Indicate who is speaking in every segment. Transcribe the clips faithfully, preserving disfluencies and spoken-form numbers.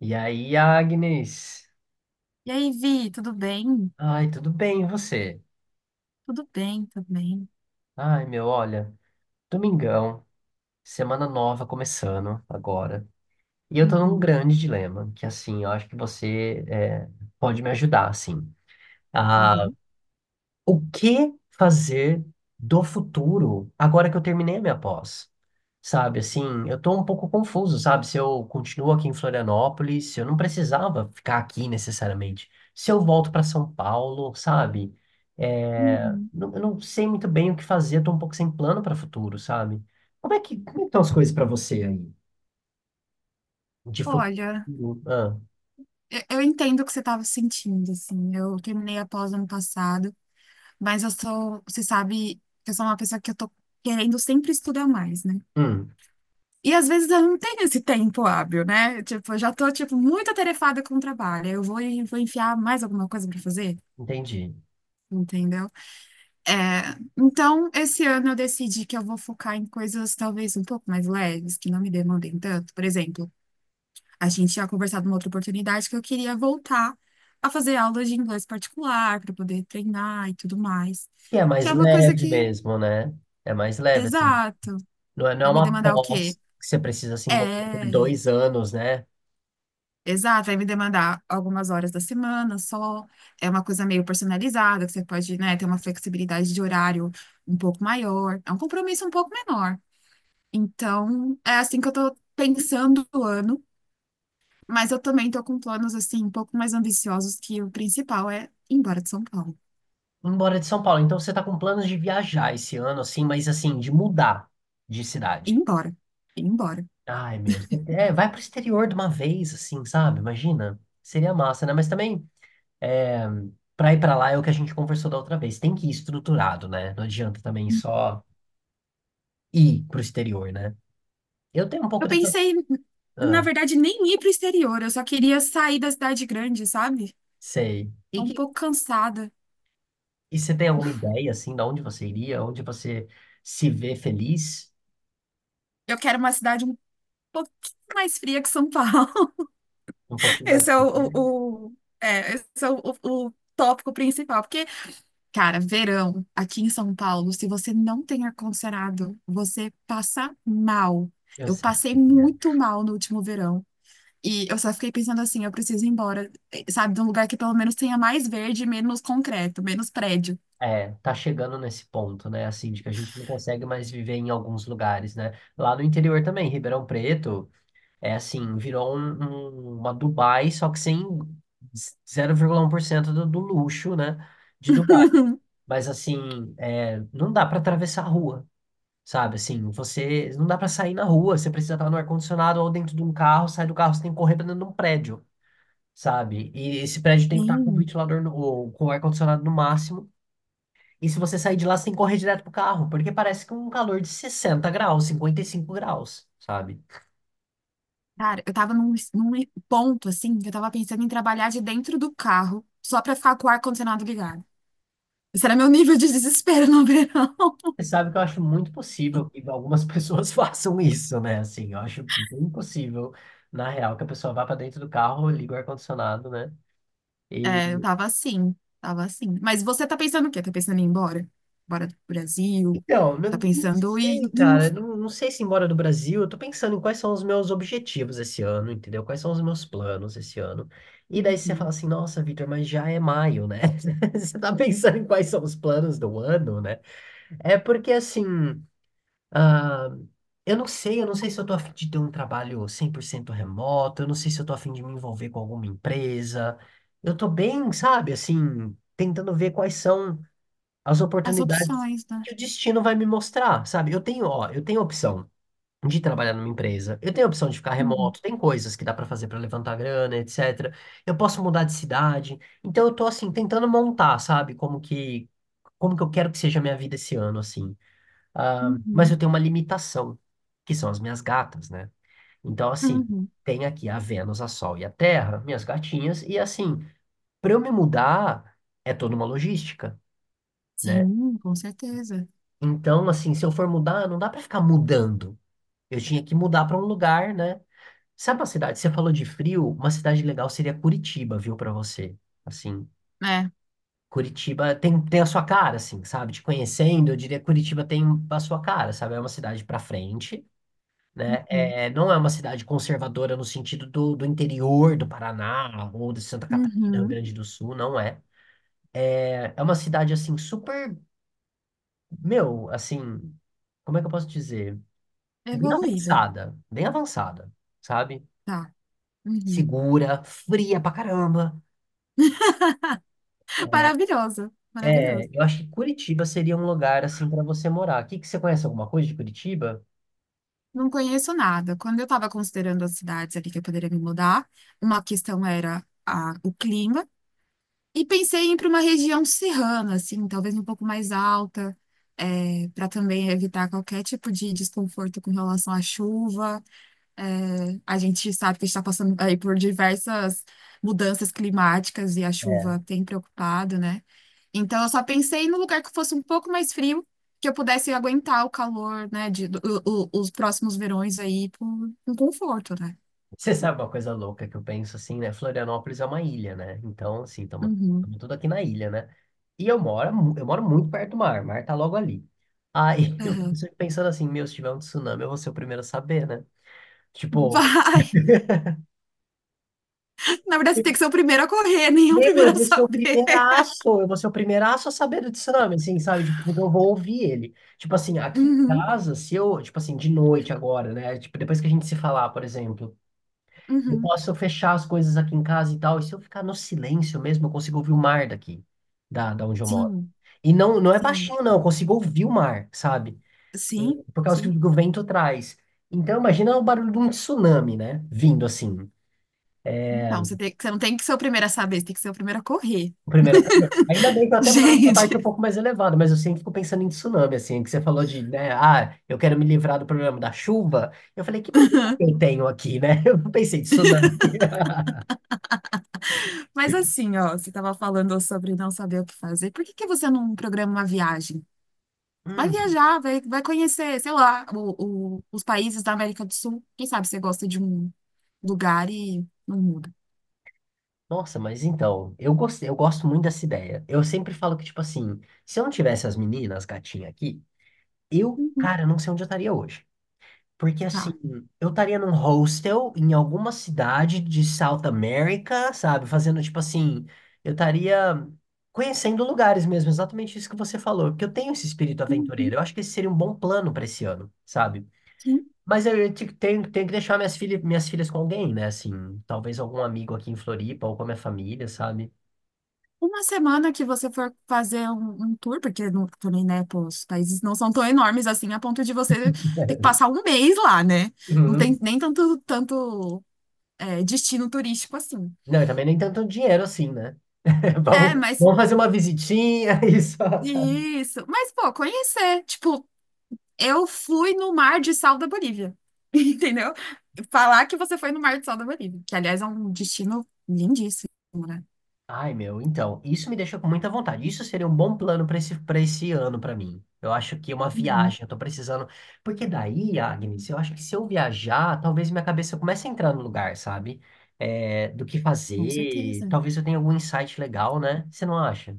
Speaker 1: E aí, Agnes?
Speaker 2: E aí, Vi, tudo bem?
Speaker 1: Ai, tudo bem, e você?
Speaker 2: Tudo bem também.
Speaker 1: Ai, meu, olha, domingão, semana nova começando agora. E eu tô num
Speaker 2: Uhum,
Speaker 1: grande dilema, que assim, eu acho que você é, pode me ajudar, assim.
Speaker 2: tá
Speaker 1: Ah,
Speaker 2: bom.
Speaker 1: o que fazer do futuro agora que eu terminei a minha pós? sabe? Assim, eu tô um pouco confuso, sabe? Se eu continuo aqui em Florianópolis, se eu não precisava ficar aqui necessariamente. Se eu volto para São Paulo, sabe? É,
Speaker 2: Uhum.
Speaker 1: não- eu não sei muito bem o que fazer, tô um pouco sem plano para futuro, sabe? Como é que, como é que estão as coisas para você aí? De futuro.
Speaker 2: Olha,
Speaker 1: Ah,
Speaker 2: eu, eu entendo o que você estava sentindo, assim. Eu terminei a pós ano passado, mas eu sou, você sabe que eu sou uma pessoa que eu tô querendo sempre estudar mais, né?
Speaker 1: hum,
Speaker 2: E às vezes eu não tenho esse tempo hábil, né? Tipo, eu já tô, tipo, muito atarefada com o trabalho. Eu vou, e vou enfiar mais alguma coisa para fazer,
Speaker 1: entendi.
Speaker 2: entendeu? É, então, esse ano eu decidi que eu vou focar em coisas talvez um pouco mais leves, que não me demandem tanto. Por exemplo, a gente tinha conversado numa outra oportunidade que eu queria voltar a fazer aulas de inglês particular para poder treinar e tudo mais.
Speaker 1: Que é
Speaker 2: Que
Speaker 1: mais
Speaker 2: é uma coisa
Speaker 1: leve
Speaker 2: que,
Speaker 1: mesmo, né? É mais leve, assim.
Speaker 2: exato,
Speaker 1: Não é, não é
Speaker 2: vai me
Speaker 1: uma
Speaker 2: demandar o quê?
Speaker 1: pós que você precisa se envolver por
Speaker 2: É,
Speaker 1: dois anos, né?
Speaker 2: exato, vai me demandar algumas horas da semana só. É uma coisa meio personalizada, que você pode, né, ter uma flexibilidade de horário um pouco maior. É um compromisso um pouco menor. Então, é assim que eu tô pensando o ano, mas eu também tô com planos assim um pouco mais ambiciosos que o principal é ir embora de São Paulo.
Speaker 1: Embora de São Paulo. Então você tá com planos de viajar esse ano, assim, mas assim, de mudar de
Speaker 2: Ir
Speaker 1: cidade.
Speaker 2: embora, ir embora.
Speaker 1: Ai, meu. É, vai pro exterior de uma vez, assim, sabe? Imagina. Seria massa, né? Mas também, é, pra ir pra lá é o que a gente conversou da outra vez. Tem que ir estruturado, né? Não adianta também só ir pro exterior, né? Eu tenho um pouco
Speaker 2: Eu
Speaker 1: dessa.
Speaker 2: pensei, na
Speaker 1: Ah,
Speaker 2: verdade, nem ir pro exterior, eu só queria sair da cidade grande, sabe?
Speaker 1: sei.
Speaker 2: Tô
Speaker 1: E,
Speaker 2: um
Speaker 1: que...
Speaker 2: pouco cansada.
Speaker 1: E você tem alguma ideia, assim, de onde você iria? Onde você se vê feliz?
Speaker 2: Eu quero uma cidade um pouquinho mais fria que São Paulo.
Speaker 1: Um pouquinho mais.
Speaker 2: Esse é o, o, o- é, esse é o, o o tópico principal, porque cara, verão aqui em São Paulo, se você não tem ar-condicionado, você passa mal.
Speaker 1: Eu
Speaker 2: Eu
Speaker 1: sei.
Speaker 2: passei muito mal no último verão. E eu só fiquei pensando assim, eu preciso ir embora, eh, sabe, de um lugar que pelo menos tenha mais verde, e menos concreto, menos prédio.
Speaker 1: É, tá chegando nesse ponto, né? Assim, de que a gente não consegue mais viver em alguns lugares, né? Lá no interior também, Ribeirão Preto, é assim, virou um- um- uma Dubai, só que sem zero vírgula um por cento do, do luxo, né? De Dubai. Mas assim, é, não dá para atravessar a rua, sabe? Assim, você não dá para sair na rua, você precisa estar no ar-condicionado ou dentro de um carro, sai do carro, você tem que correr para dentro de um prédio, sabe? E esse prédio tem que estar com o
Speaker 2: Sim,
Speaker 1: ventilador no, ou com o ar-condicionado no máximo, e se você sair de lá, você tem que correr direto pro carro, porque parece que é um calor de sessenta graus, cinquenta e cinco graus, sabe?
Speaker 2: cara, eu tava num, num ponto assim, que eu tava pensando em trabalhar de dentro do carro, só pra ficar com o ar-condicionado ligado. Esse era meu nível de desespero no verão.
Speaker 1: Você sabe que eu acho muito possível que algumas pessoas façam isso, né? Assim, eu acho bem possível, na real, que a pessoa vá pra dentro do carro, liga o ar-condicionado, né? E
Speaker 2: É, eu tava assim, tava assim. Mas você tá pensando o quê? Tá pensando em ir embora? Embora do Brasil?
Speaker 1: então,
Speaker 2: Tá
Speaker 1: não, não
Speaker 2: pensando em,
Speaker 1: sei,
Speaker 2: em-
Speaker 1: cara, não, não sei se embora do Brasil, eu tô pensando em quais são os meus objetivos esse ano, entendeu? Quais são os meus planos esse ano. E daí você fala
Speaker 2: Uhum.
Speaker 1: assim, nossa, Vitor, mas já é maio, né? Você tá pensando em quais são os planos do ano, né? É porque assim, eu não sei, eu não sei se eu tô a fim de ter um trabalho cem por cento remoto, eu não sei se eu tô a fim de me envolver com alguma empresa. Eu tô bem, sabe, assim, tentando ver quais são as
Speaker 2: As
Speaker 1: oportunidades
Speaker 2: opções, né?
Speaker 1: que o destino vai me mostrar, sabe? Eu tenho, ó, eu tenho a opção de trabalhar numa empresa, eu tenho a opção de ficar
Speaker 2: Uhum,
Speaker 1: remoto, tem coisas que dá pra fazer pra levantar grana, etcétera. Eu posso mudar de cidade. Então eu tô assim tentando montar, sabe, como que como que eu quero que seja a minha vida esse ano, assim. Ah, mas
Speaker 2: uhum,
Speaker 1: eu tenho uma limitação, que são as minhas gatas, né? Então, assim,
Speaker 2: uhum.
Speaker 1: tem aqui a Vênus, a Sol e a Terra, minhas gatinhas, e assim, para eu me mudar, é toda uma logística, né?
Speaker 2: Sim, com certeza.
Speaker 1: Então, assim, se eu for mudar, não dá para ficar mudando. Eu tinha que mudar para um lugar, né? Sabe uma cidade? Você falou de frio, uma cidade legal seria Curitiba, viu, para você. Assim,
Speaker 2: É.
Speaker 1: Curitiba tem, tem a sua cara, assim, sabe? Te conhecendo, eu diria que Curitiba tem a sua cara, sabe? É uma cidade para frente, né?
Speaker 2: Uhum.
Speaker 1: É, não é uma cidade conservadora no sentido do, do interior do Paraná ou de Santa Catarina, Rio
Speaker 2: Uhum.
Speaker 1: Grande do Sul, não é. É, é uma cidade, assim, super, meu, assim, como é que eu posso dizer? Bem
Speaker 2: Evoluída.
Speaker 1: avançada, bem avançada, sabe?
Speaker 2: Tá. Uhum.
Speaker 1: Segura, fria pra caramba.
Speaker 2: Maravilhoso,
Speaker 1: É,
Speaker 2: maravilhoso.
Speaker 1: eu acho que Curitiba seria um lugar, assim, pra você morar. O que que você conhece alguma coisa de Curitiba?
Speaker 2: Não conheço nada. Quando eu estava considerando as cidades ali que eu poderia me mudar, uma questão era a, o clima. E pensei em ir para uma região serrana, assim, talvez um pouco mais alta, para também evitar qualquer tipo de desconforto com relação à chuva. É, a gente sabe que a gente está passando aí por diversas mudanças climáticas e a
Speaker 1: É.
Speaker 2: chuva tem preocupado, né? Então, eu só pensei num lugar que fosse um pouco mais frio, que eu pudesse aguentar o calor, né, de, do- o- os próximos verões aí por, com conforto, né?
Speaker 1: Você sabe uma coisa louca que eu penso assim, né? Florianópolis é uma ilha, né? Então, assim, estamos
Speaker 2: Uhum,
Speaker 1: tudo aqui na ilha, né? E eu moro, mu- eu moro muito perto do mar, o mar tá logo ali. Aí eu fico
Speaker 2: aham.
Speaker 1: sempre pensando assim, meu, se tiver um tsunami, eu vou ser o primeiro a saber, né? Tipo,
Speaker 2: Vai! Na verdade, você tem que ser o primeiro a correr, nem o
Speaker 1: meu, eu
Speaker 2: primeiro a
Speaker 1: vou ser o
Speaker 2: saber.
Speaker 1: primeiraço, eu vou ser o primeiraço a saber do tsunami, assim, sabe? Tipo, eu vou ouvir ele. Tipo assim, aqui em
Speaker 2: Uhum,
Speaker 1: casa, se eu, tipo assim, de noite agora, né? Tipo, depois que a gente se falar, por exemplo. Eu
Speaker 2: uhum.
Speaker 1: posso fechar as coisas aqui em casa e tal. E se eu ficar no silêncio mesmo, eu consigo ouvir o mar daqui, da, da onde eu moro.
Speaker 2: Sim,
Speaker 1: E não, não é
Speaker 2: sim,
Speaker 1: baixinho, não. Eu consigo ouvir o mar, sabe? E
Speaker 2: sim,
Speaker 1: por causa do
Speaker 2: sim.
Speaker 1: que o vento traz. Então, imagina o barulho de um tsunami, né? Vindo assim.
Speaker 2: Então, você tem, você não tem que ser o primeiro a saber, você tem que ser o primeiro a correr.
Speaker 1: Primeira vez. Ainda bem que eu até moro numa parte um
Speaker 2: Gente,
Speaker 1: pouco mais elevada, mas eu sempre fico pensando em tsunami, assim, que você falou de, né, ah, eu quero me livrar do problema da chuva. Eu falei, que problema que eu tenho aqui, né? Eu não pensei em tsunami.
Speaker 2: mas assim, ó, você estava falando sobre não saber o que fazer. Por que que você não programa uma viagem? Vai
Speaker 1: Hum.
Speaker 2: viajar, vai, vai conhecer, sei lá, o, o- os países da América do Sul. Quem sabe você gosta de um lugar e não muda.
Speaker 1: Nossa, mas então, eu gostei, eu gosto muito dessa ideia. Eu sempre falo que, tipo assim, se eu não tivesse as meninas, gatinhas aqui, eu,
Speaker 2: Uhum.
Speaker 1: cara, não sei onde eu estaria hoje. Porque, assim,
Speaker 2: Tá.
Speaker 1: eu estaria num hostel em alguma cidade de South America, sabe? Fazendo, tipo assim, eu estaria conhecendo lugares mesmo, exatamente isso que você falou. Porque eu tenho esse espírito
Speaker 2: Uhum.
Speaker 1: aventureiro. Eu acho que esse seria um bom plano pra esse ano, sabe?
Speaker 2: Sim.
Speaker 1: Mas eu eu te- tenho, tenho que deixar minhas filhas, minhas filhas com alguém, né? Assim, talvez algum amigo aqui em Floripa ou com a minha família, sabe?
Speaker 2: Uma semana que você for fazer um, um tour, porque não- também, né, pô, os países não são tão enormes assim, a ponto de você ter que passar um mês lá, né? Não
Speaker 1: Uhum.
Speaker 2: tem nem tanto, tanto, é, destino turístico assim.
Speaker 1: Não, e também nem tanto dinheiro assim, né?
Speaker 2: É,
Speaker 1: Vamos,
Speaker 2: mas
Speaker 1: vamos fazer uma visitinha e só. Sabe?
Speaker 2: isso. Mas, pô, conhecer. Tipo, eu fui no Mar de Sal da Bolívia, entendeu? Falar que você foi no Mar de Sal da Bolívia, que, aliás, é um destino lindíssimo, né?
Speaker 1: Ai, meu, então, isso me deixa com muita vontade. Isso seria um bom plano para esse, para esse ano para mim. Eu acho que uma
Speaker 2: Uhum,
Speaker 1: viagem, eu tô precisando. Porque daí, Agnes, eu acho que se eu viajar, talvez minha cabeça comece a entrar no lugar, sabe? É, do que
Speaker 2: com
Speaker 1: fazer.
Speaker 2: certeza.
Speaker 1: Talvez eu tenha algum insight legal, né? Você não acha?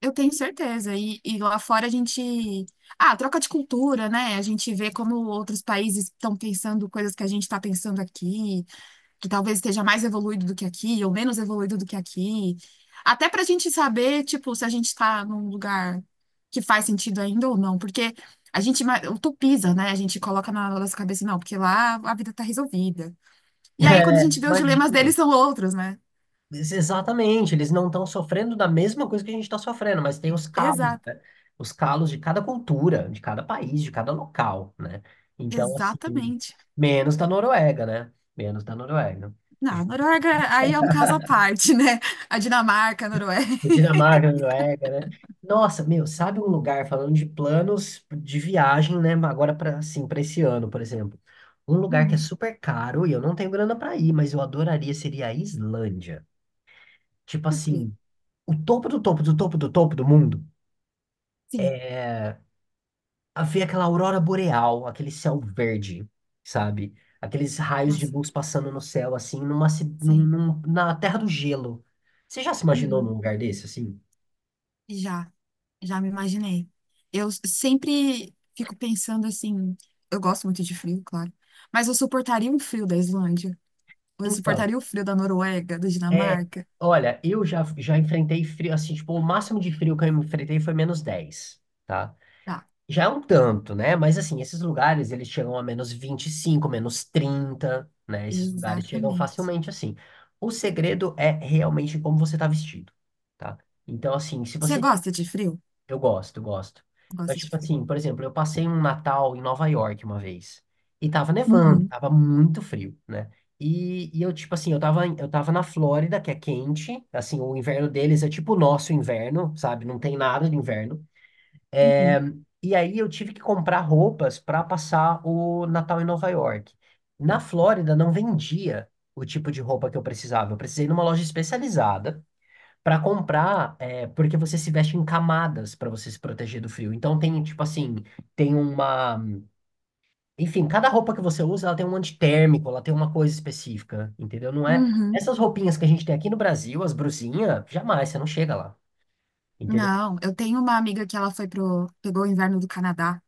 Speaker 2: Eu tenho certeza. E, e lá fora a gente. Ah, troca de cultura, né? A gente vê como outros países estão pensando coisas que a gente está pensando aqui, que talvez esteja mais evoluído do que aqui, ou menos evoluído do que aqui. Até para a gente saber, tipo, se a gente está num lugar que faz sentido ainda ou não. Porque a gente ma- utopiza, né? A gente coloca na nossa cabeça, não, porque lá a vida está resolvida. E aí, quando a
Speaker 1: É,
Speaker 2: gente vê os dilemas deles,
Speaker 1: imagina.
Speaker 2: são outros, né?
Speaker 1: Ex- Exatamente, eles não estão sofrendo da mesma coisa que a gente está sofrendo, mas tem os calos,
Speaker 2: Exato.
Speaker 1: né? Os calos de cada cultura, de cada país, de cada local, né? Então, assim,
Speaker 2: Exatamente.
Speaker 1: menos da Noruega, né? Menos da Noruega.
Speaker 2: Não, a Noruega aí é um caso à parte, né? A Dinamarca, a Noruega.
Speaker 1: Dinamarca, Noruega, né? Nossa, meu, sabe um lugar falando de planos de viagem, né? Agora para assim, para esse ano, por exemplo. Um lugar que é
Speaker 2: Uhum.
Speaker 1: super caro e eu não tenho grana para ir, mas eu adoraria seria a Islândia. Tipo
Speaker 2: Por quê?
Speaker 1: assim, o topo do topo do topo do topo do mundo
Speaker 2: Sim,
Speaker 1: é a ver aquela aurora boreal, aquele céu verde, sabe? Aqueles raios de
Speaker 2: nossa,
Speaker 1: luz passando no céu, assim, numa, ci- num,
Speaker 2: sim.
Speaker 1: num- na Terra do Gelo. Você já se imaginou num
Speaker 2: Uhum.
Speaker 1: lugar desse, assim?
Speaker 2: Já, já me imaginei. Eu s- sempre fico pensando assim, eu gosto muito de frio, claro, mas eu suportaria um frio da Islândia? Ou eu
Speaker 1: Então,
Speaker 2: suportaria o frio da Noruega, da
Speaker 1: é,
Speaker 2: Dinamarca?
Speaker 1: olha, eu já, já enfrentei frio, assim, tipo, o máximo de frio que eu enfrentei foi menos dez, tá?
Speaker 2: Tá,
Speaker 1: Já é um tanto, né? Mas, assim, esses lugares, eles chegam a menos vinte e cinco, menos trinta, né? Esses lugares chegam
Speaker 2: exatamente.
Speaker 1: facilmente, assim. O segredo é realmente como você tá vestido, tá? Então, assim, se
Speaker 2: Você
Speaker 1: você...
Speaker 2: gosta de frio?
Speaker 1: Eu gosto, eu gosto. Mas,
Speaker 2: Gosta de
Speaker 1: tipo
Speaker 2: frio.
Speaker 1: assim, por exemplo, eu passei um Natal em Nova York uma vez. E tava nevando,
Speaker 2: Uhum,
Speaker 1: tava muito frio, né? E, e eu, tipo assim, eu tava, em- eu tava na Flórida, que é quente. Assim, o inverno deles é tipo o nosso inverno, sabe? Não tem nada de inverno. É,
Speaker 2: uhum,
Speaker 1: e aí eu tive que comprar roupas para passar o Natal em Nova York. Na Flórida não vendia o tipo de roupa que eu precisava. Eu precisei ir numa loja especializada para comprar, é, porque você se veste em camadas pra você se proteger do frio. Então tem, tipo assim, tem uma. Enfim, cada roupa que você usa, ela tem um antitérmico, ela tem uma coisa específica, entendeu? Não é.
Speaker 2: uhum.
Speaker 1: Essas roupinhas que a gente tem aqui no Brasil, as brusinhas, jamais, você não chega lá, entendeu?
Speaker 2: Não, eu tenho uma amiga que ela foi pro, pegou o inverno do Canadá.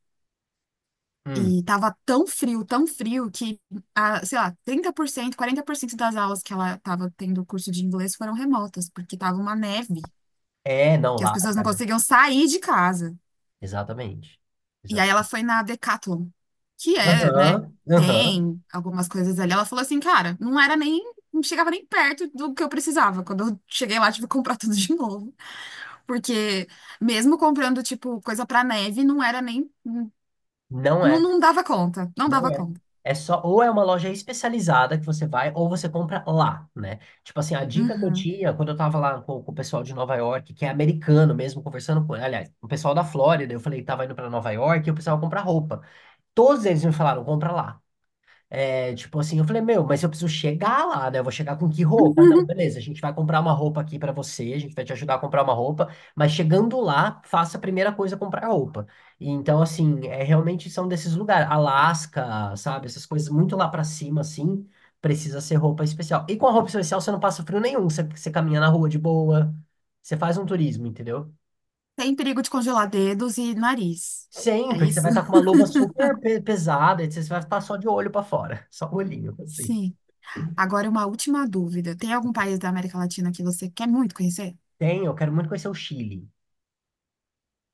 Speaker 1: Hum.
Speaker 2: E tava tão frio, tão frio, que, ah, sei lá, trinta por cento, quarenta por cento das aulas que ela tava tendo curso de inglês foram remotas, porque tava uma neve,
Speaker 1: É, não,
Speaker 2: que as
Speaker 1: lá,
Speaker 2: pessoas não
Speaker 1: tá.
Speaker 2: conseguiam sair de casa.
Speaker 1: Exatamente.
Speaker 2: E aí ela
Speaker 1: Exatamente.
Speaker 2: foi na Decathlon, que é, né,
Speaker 1: Aham, aham.
Speaker 2: tem algumas coisas ali. Ela falou assim, cara, não era nem, não chegava nem perto do que eu precisava. Quando eu cheguei lá, tive que comprar tudo de novo. Porque mesmo comprando, tipo, coisa pra neve, não era nem,
Speaker 1: Não
Speaker 2: não,
Speaker 1: é.
Speaker 2: não dava conta, não dava
Speaker 1: Não é.
Speaker 2: conta.
Speaker 1: É só, ou é uma loja especializada que você vai, ou você compra lá, né? Tipo assim, a dica que eu
Speaker 2: Uhum.
Speaker 1: tinha quando eu tava lá com, com o pessoal de Nova York, que é americano mesmo, conversando com, aliás, o pessoal da Flórida, eu falei que tava indo pra Nova York e o pessoal compra roupa. Todos eles me falaram, compra lá. É, tipo assim, eu falei, meu, mas eu preciso chegar lá, né? Eu vou chegar com que roupa? Não, beleza, a gente vai comprar uma roupa aqui pra você, a gente vai te ajudar a comprar uma roupa, mas chegando lá, faça a primeira coisa comprar roupa. E então, assim, é realmente são desses lugares, Alasca, sabe? Essas coisas muito lá pra cima, assim, precisa ser roupa especial. E com a roupa especial você não passa frio nenhum, você, você caminha na rua de boa, você faz um turismo, entendeu?
Speaker 2: Sem perigo de congelar dedos e nariz. É
Speaker 1: Sempre, que você
Speaker 2: isso?
Speaker 1: vai estar com uma luva super pe- pesada, e você vai estar só de olho pra fora, só o olhinho, assim.
Speaker 2: Sim. Agora, uma última dúvida. Tem algum país da América Latina que você quer muito conhecer?
Speaker 1: Tem, eu quero muito conhecer o Chile.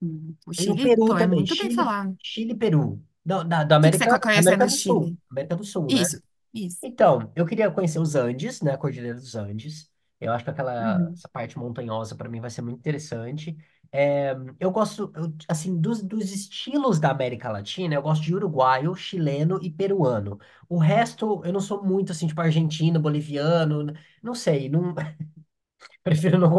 Speaker 2: Hum, O
Speaker 1: E o
Speaker 2: Chile?
Speaker 1: Peru
Speaker 2: Pô, é
Speaker 1: também,
Speaker 2: muito bem
Speaker 1: Chile,
Speaker 2: falado. O
Speaker 1: Chile, e Peru. Da, da, da
Speaker 2: que que você
Speaker 1: América,
Speaker 2: quer conhecer
Speaker 1: América
Speaker 2: no
Speaker 1: do Sul,
Speaker 2: Chile?
Speaker 1: América do Sul, né?
Speaker 2: Isso, isso.
Speaker 1: Então, eu queria conhecer os Andes, né? A Cordilheira dos Andes. Eu acho que aquela
Speaker 2: Uhum.
Speaker 1: essa parte montanhosa para mim vai ser muito interessante. É, eu gosto, eu, assim, dos, dos estilos da América Latina, eu gosto de uruguaio, chileno e peruano. O resto, eu não sou muito, assim, tipo argentino, boliviano, não sei, não, prefiro não.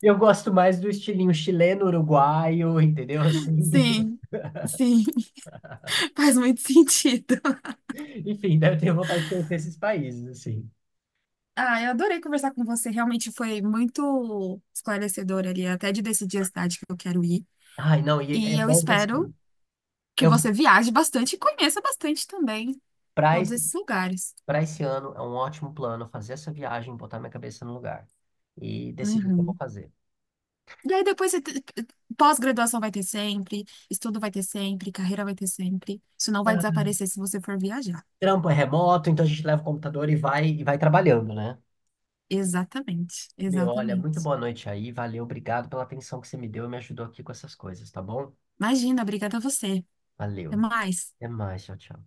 Speaker 1: Eu gosto mais do estilinho chileno, uruguaio, entendeu? Assim,
Speaker 2: Sim, sim. Faz muito sentido.
Speaker 1: enfim, daí eu tenho vontade de conhecer esses países, assim.
Speaker 2: Ah, eu adorei conversar com você. Realmente foi muito esclarecedor ali, até de decidir a cidade que eu quero ir.
Speaker 1: Ai, não, e é
Speaker 2: E eu
Speaker 1: bom que
Speaker 2: espero
Speaker 1: assim,
Speaker 2: que
Speaker 1: eu,
Speaker 2: você viaje bastante e conheça bastante também
Speaker 1: para
Speaker 2: todos
Speaker 1: esse,
Speaker 2: esses lugares.
Speaker 1: para esse ano é um ótimo plano fazer essa viagem, botar minha cabeça no lugar e decidir o que eu vou
Speaker 2: Uhum.
Speaker 1: fazer.
Speaker 2: E aí depois você te- pós-graduação vai ter sempre, estudo vai ter sempre, carreira vai ter sempre. Isso não vai
Speaker 1: Ah,
Speaker 2: desaparecer se você for viajar.
Speaker 1: Trampo é remoto, então a gente leva o computador e vai e vai trabalhando, né?
Speaker 2: Exatamente,
Speaker 1: Meu, olha, muito
Speaker 2: exatamente.
Speaker 1: boa noite aí, valeu, obrigado pela atenção que você me deu e me ajudou aqui com essas coisas, tá bom?
Speaker 2: Imagina, obrigada a você. Até
Speaker 1: Valeu.
Speaker 2: mais.
Speaker 1: Até mais, tchau, tchau.